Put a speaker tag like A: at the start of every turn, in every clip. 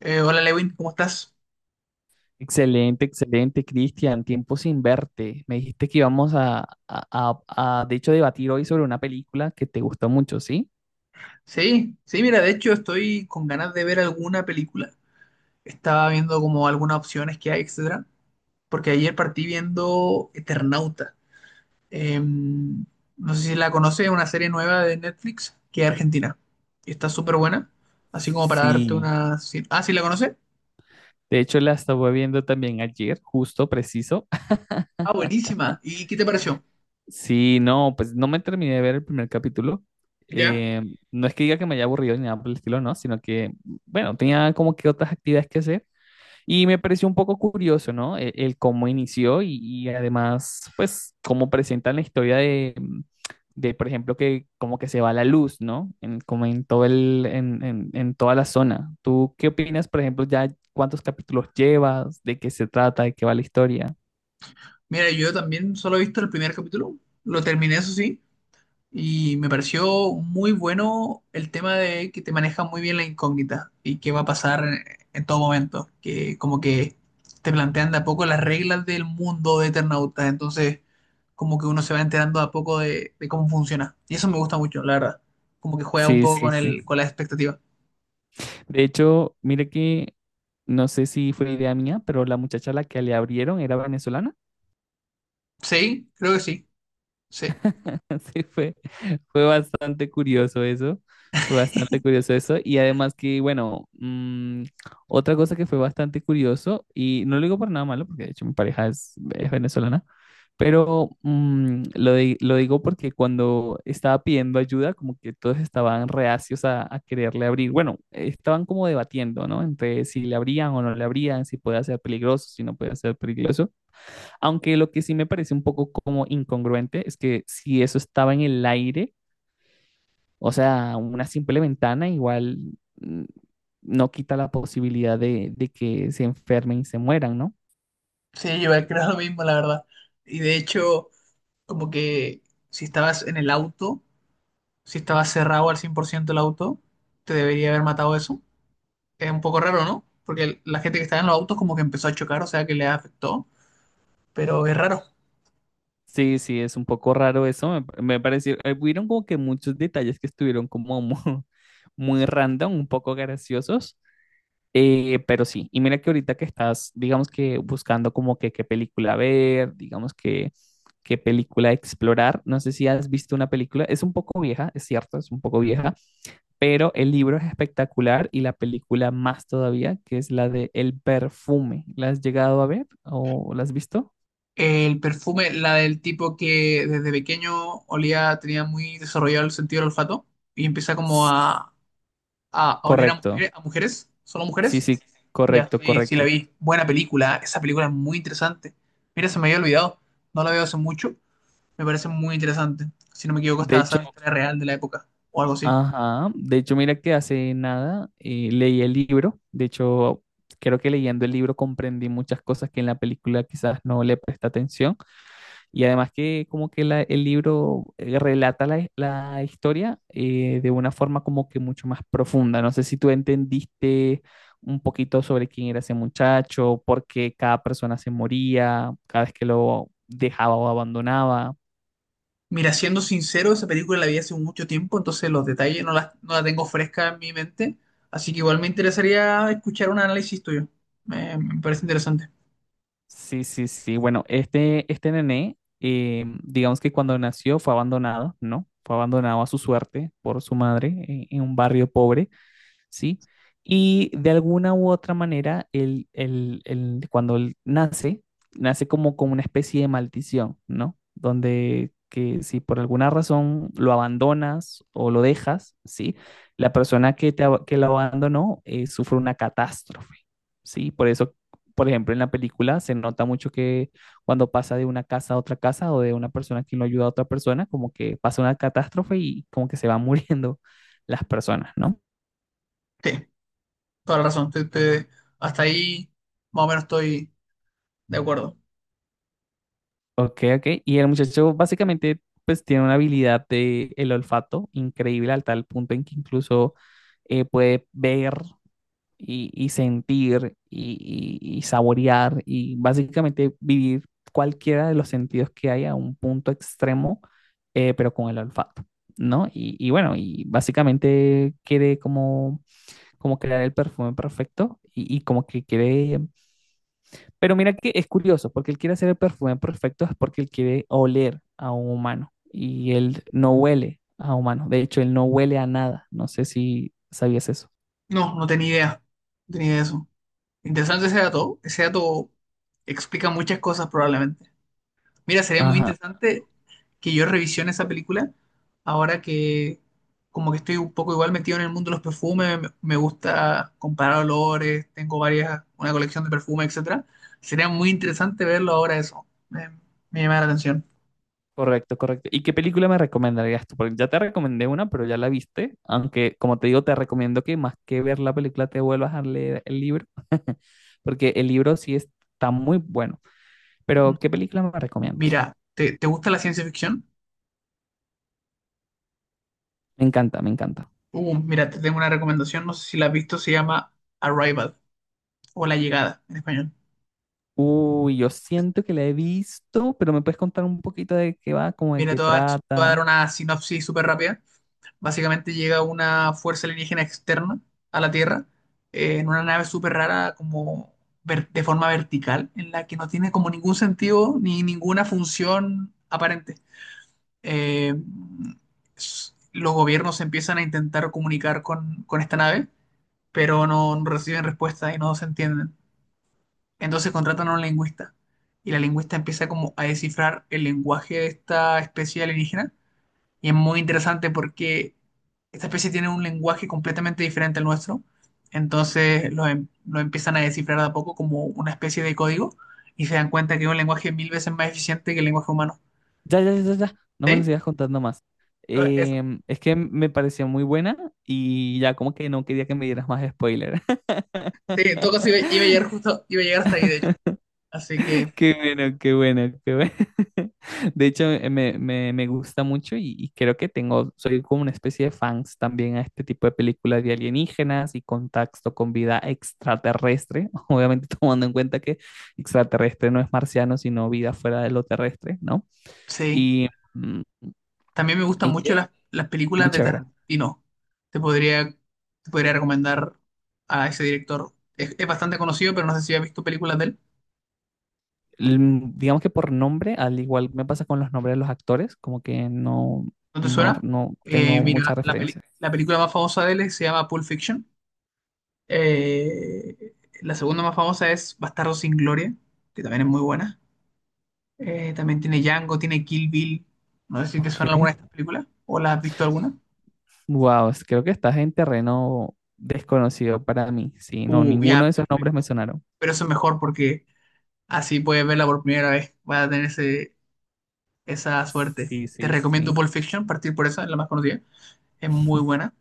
A: Hola Lewin, ¿cómo estás?
B: Excelente, excelente, Cristian. Tiempo sin verte. Me dijiste que íbamos a, de hecho, debatir hoy sobre una película que te gustó mucho, ¿sí?
A: Sí, sí, mira, de hecho estoy con ganas de ver alguna película. Estaba viendo como algunas opciones que hay, etcétera, porque ayer partí viendo Eternauta. No sé si la conoces, es una serie nueva de Netflix que es argentina. Y está súper buena, así como para darte
B: Sí.
A: una Ah, ¿sí la conoces?
B: De hecho, la estaba viendo también ayer, justo, preciso.
A: Ah, buenísima. ¿Y qué te pareció?
B: Sí, no, pues no me terminé de ver el primer capítulo.
A: Ya.
B: Eh, no es que diga que me haya aburrido ni nada por el estilo, no, sino que, bueno, tenía como que otras actividades que hacer. Y me pareció un poco curioso, ¿no? El cómo inició y además, pues, cómo presentan la historia de, por ejemplo, que como que se va la luz, ¿no? En, como en todo el, en toda la zona. ¿Tú qué opinas, por ejemplo, ya cuántos capítulos llevas, de qué se trata, de qué va la historia?
A: Mira, yo también solo he visto el primer capítulo, lo terminé, eso sí. Y me pareció muy bueno el tema de que te maneja muy bien la incógnita y qué va a pasar en todo momento. Que como que te plantean de a poco las reglas del mundo de Eternauta. Entonces, como que uno se va enterando de a poco de cómo funciona. Y eso me gusta mucho, la verdad. Como que juega un
B: Sí,
A: poco. Sí,
B: sí,
A: con
B: sí.
A: con la expectativa.
B: De hecho, mire que no sé si fue idea mía, pero la muchacha a la que le abrieron era venezolana.
A: Sí, creo que sí. Sí,
B: Sí, fue, fue bastante curioso eso, fue bastante curioso eso. Y además que, bueno, otra cosa que fue bastante curioso, y no lo digo por nada malo, porque de hecho mi pareja es venezolana, pero lo digo porque cuando estaba pidiendo ayuda, como que todos estaban reacios a quererle abrir. Bueno, estaban como debatiendo, ¿no? Entre si le abrían o no le abrían, si puede ser peligroso, si no puede ser peligroso. Aunque lo que sí me parece un poco como incongruente es que si eso estaba en el aire, o sea, una simple ventana igual mm, no quita la posibilidad de que se enfermen y se mueran, ¿no?
A: sí, yo creo lo mismo, la verdad. Y de hecho, como que si estabas en el auto, si estabas cerrado al 100% el auto, te debería haber matado eso. Es un poco raro, ¿no? Porque la gente que estaba en los autos como que empezó a chocar, o sea que le afectó, pero es raro.
B: Sí, sí, es un poco raro eso. Me pareció, hubieron como que muchos detalles que estuvieron como muy random, un poco graciosos. Pero sí, y mira que ahorita que estás, digamos que buscando como que qué película ver, digamos que qué película explorar, no sé si has visto una película, es un poco vieja, es cierto, es un poco vieja, pero el libro es espectacular y la película más todavía, que es la de El perfume. ¿La has llegado a ver o la has visto?
A: El perfume, la del tipo que desde pequeño olía, tenía muy desarrollado el sentido del olfato y empieza como
B: S-
A: a oler
B: Correcto,
A: a mujeres, solo
B: sí,
A: mujeres.
B: sí,
A: Ya,
B: correcto,
A: sí, sí la
B: correcto.
A: vi. Buena película, esa película es muy interesante. Mira, se me había olvidado, no la veo hace mucho, me parece muy interesante. Si no me equivoco,
B: De
A: estaba
B: hecho,
A: basada en una historia real de la época o algo así.
B: ajá, de hecho, mira que hace nada leí el libro, de hecho, creo que leyendo el libro comprendí muchas cosas que en la película quizás no le presta atención y además que como que el libro relata la, la historia de una forma como que mucho más profunda. No sé si tú entendiste un poquito sobre quién era ese muchacho, por qué cada persona se moría cada vez que lo dejaba o abandonaba.
A: Mira, siendo sincero, esa película la vi hace mucho tiempo, entonces los detalles no las no la tengo fresca en mi mente, así que igual me interesaría escuchar un análisis tuyo. Me parece interesante.
B: Sí, sí, sí. Bueno, este nené, digamos que cuando nació fue abandonado, ¿no? Fue abandonado a su suerte por su madre en un barrio pobre. ¿Sí? Y de alguna u otra manera, cuando él nace, nace como con una especie de maldición, ¿no? Donde que si por alguna razón lo abandonas o lo dejas, ¿sí? La persona que, que lo abandonó sufre una catástrofe, ¿sí? Por eso, por ejemplo, en la película se nota mucho que cuando pasa de una casa a otra casa o de una persona que no ayuda a otra persona, como que pasa una catástrofe y como que se van muriendo las personas, ¿no?
A: Sí, toda la razón. Hasta ahí más o menos estoy de acuerdo.
B: Ok, ok. Y el muchacho básicamente pues tiene una habilidad de el olfato increíble al tal punto en que incluso puede ver y sentir y y saborear y básicamente vivir cualquiera de los sentidos que hay a un punto extremo, pero con el olfato, ¿no? Y bueno, y básicamente quiere como, como crear el perfume perfecto y como que quiere pero mira que es curioso, porque él quiere hacer el perfume perfecto es porque él quiere oler a un humano y él no huele a humano. De hecho, él no huele a nada. No sé si sabías eso.
A: No, no tenía idea. No tenía idea de eso. Interesante ese dato. Ese dato explica muchas cosas probablemente. Mira, sería muy
B: Ajá,
A: interesante que yo revisione esa película ahora que como que estoy un poco igual metido en el mundo de los perfumes, me gusta comparar olores, tengo varias, una colección de perfumes, etcétera. Sería muy interesante verlo ahora eso. Me llama la atención.
B: correcto, correcto. ¿Y qué película me recomendarías tú? Porque ya te recomendé una, pero ya la viste. Aunque, como te digo, te recomiendo que más que ver la película te vuelvas a leer el libro, porque el libro sí está muy bueno. Pero, ¿qué película me recomiendas?
A: Mira, ¿ te gusta la ciencia ficción?
B: Me encanta, me encanta.
A: Mira, te tengo una recomendación, no sé si la has visto, se llama Arrival o La Llegada en español.
B: Uy, yo siento que la he visto, pero me puedes contar un poquito de qué va, como de
A: Mira,
B: qué
A: te voy a dar
B: trata.
A: una sinopsis súper rápida. Básicamente llega una fuerza alienígena externa a la Tierra en una nave súper rara, como de forma vertical, en la que no tiene como ningún sentido ni ninguna función aparente. Eh, los gobiernos empiezan a intentar comunicar con esta nave, pero no reciben respuesta y no se entienden. Entonces contratan a un lingüista y la lingüista empieza como a descifrar el lenguaje de esta especie alienígena y es muy interesante porque esta especie tiene un lenguaje completamente diferente al nuestro. Entonces lo empiezan a descifrar de a poco como una especie de código y se dan cuenta que es un lenguaje 1000 veces más eficiente que el lenguaje humano.
B: Ya, ya, ya, ya, ya, no me lo
A: ¿Sí?
B: sigas contando más.
A: Eso.
B: Em, es que me pareció muy buena y ya como que no quería que me dieras más spoiler.
A: Sí, en todo caso iba a llegar justo, iba a llegar hasta ahí, de hecho. Así que
B: Qué bueno, qué bueno, qué bueno. De hecho, me gusta mucho y creo que tengo, soy como una especie de fans también a este tipo de películas de alienígenas y contacto con vida extraterrestre, obviamente tomando en cuenta que extraterrestre no es marciano, sino vida fuera de lo terrestre, ¿no?
A: sí.
B: Y, mm,
A: También me gustan
B: y
A: mucho
B: que,
A: las
B: muy
A: películas de
B: chévere.
A: Tarantino. Te podría, Te podría recomendar a ese director. Es bastante conocido, pero no sé si has visto películas de él.
B: Digamos que por nombre, al igual me pasa con los nombres de los actores, como que no,
A: ¿No te
B: no,
A: suena?
B: no tengo mucha
A: Mira, la
B: referencia.
A: la película más famosa de él se llama Pulp Fiction. Eh, la segunda más famosa es Bastardo sin Gloria, que también es muy buena. También tiene Django, tiene Kill Bill. No sé si te
B: Ok.
A: suena alguna de estas películas o la has visto alguna.
B: Wow, creo que estás en terreno desconocido para mí. Sí, no, ninguno
A: Ya,
B: de esos nombres me
A: perfecto.
B: sonaron.
A: Pero eso es mejor porque así puedes verla por primera vez. Vas a tener ese, esa suerte.
B: Sí,
A: Te
B: sí,
A: recomiendo
B: sí.
A: Pulp Fiction, partir por esa, es la más conocida. Es muy buena.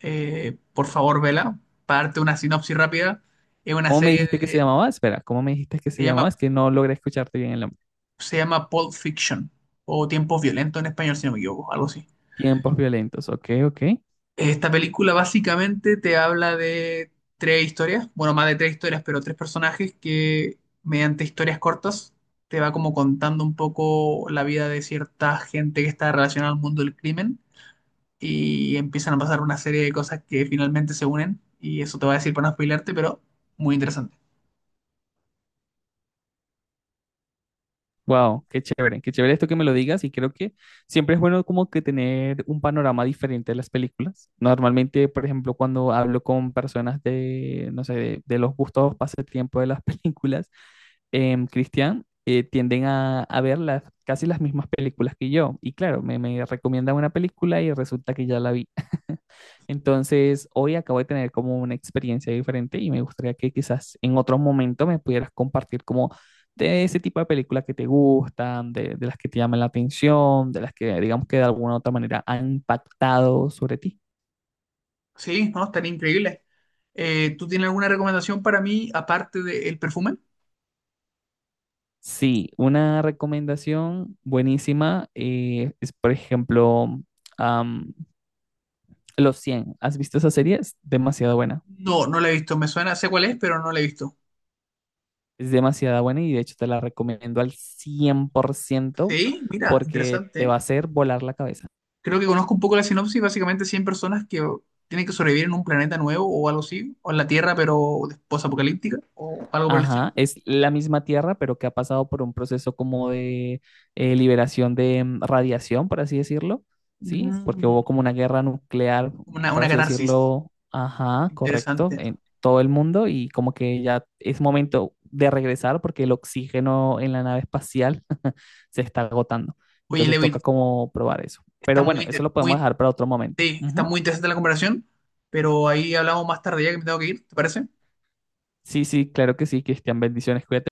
A: Eh, por favor, vela. Para darte una sinopsis rápida, es una
B: ¿Cómo me
A: serie
B: dijiste que se
A: de,
B: llamaba? Espera, ¿cómo me dijiste que
A: se
B: se llamaba?
A: llama,
B: Es que no logré escucharte bien el nombre.
A: se llama Pulp Fiction o Tiempos Violentos en español, si no me equivoco, algo así.
B: Tiempos violentos, ok, ok.
A: Esta película básicamente te habla de tres historias, bueno, más de tres historias, pero tres personajes que mediante historias cortas te va como contando un poco la vida de cierta gente que está relacionada al mundo del crimen y empiezan a pasar una serie de cosas que finalmente se unen y eso te va a decir para no spoilearte, pero muy interesante.
B: Wow, qué chévere esto que me lo digas y creo que siempre es bueno como que tener un panorama diferente de las películas. Normalmente, por ejemplo, cuando hablo con personas de, no sé, de los gustos pasatiempo de las películas, em, Cristian, tienden a ver las, casi las mismas películas que yo. Y claro, me recomiendan una película y resulta que ya la vi. Entonces, hoy acabo de tener como una experiencia diferente y me gustaría que quizás en otro momento me pudieras compartir como de ese tipo de películas que te gustan, de las que te llaman la atención, de las que digamos que de alguna u otra manera han impactado sobre ti.
A: Sí, no, están increíbles. ¿Tú tienes alguna recomendación para mí aparte del perfume?
B: Sí, una recomendación buenísima es, por ejemplo, am, Los 100. ¿Has visto esa serie? Es demasiado buena.
A: No, no la he visto. Me suena, sé cuál es, pero no la he visto.
B: Es demasiado buena y de hecho te la recomiendo al 100%
A: Sí, mira,
B: porque
A: interesante,
B: te va a
A: ¿eh?
B: hacer volar la cabeza.
A: Creo que conozco un poco la sinopsis. Básicamente, 100 personas que tienen que sobrevivir en un planeta nuevo o algo así, o en la Tierra, pero después apocalíptica o algo por el estilo.
B: Ajá, es la misma Tierra, pero que ha pasado por un proceso como de liberación de radiación, por así decirlo, ¿sí? Porque
A: Mm,
B: hubo como una guerra nuclear, por
A: una
B: así
A: catarsis.
B: decirlo, ajá, correcto,
A: Interesante.
B: en todo el mundo y como que ya es momento de regresar porque el oxígeno en la nave espacial se está agotando.
A: Oye,
B: Entonces
A: Levin,
B: toca como probar eso.
A: está
B: Pero bueno,
A: muy,
B: eso
A: inter-
B: lo podemos
A: muy,
B: dejar para otro momento.
A: sí, está
B: Ujú.
A: muy interesante la comparación, pero ahí hablamos más tarde ya que me tengo que ir, ¿te parece?
B: Sí, sí, claro que sí, Cristian, bendiciones, cuídate.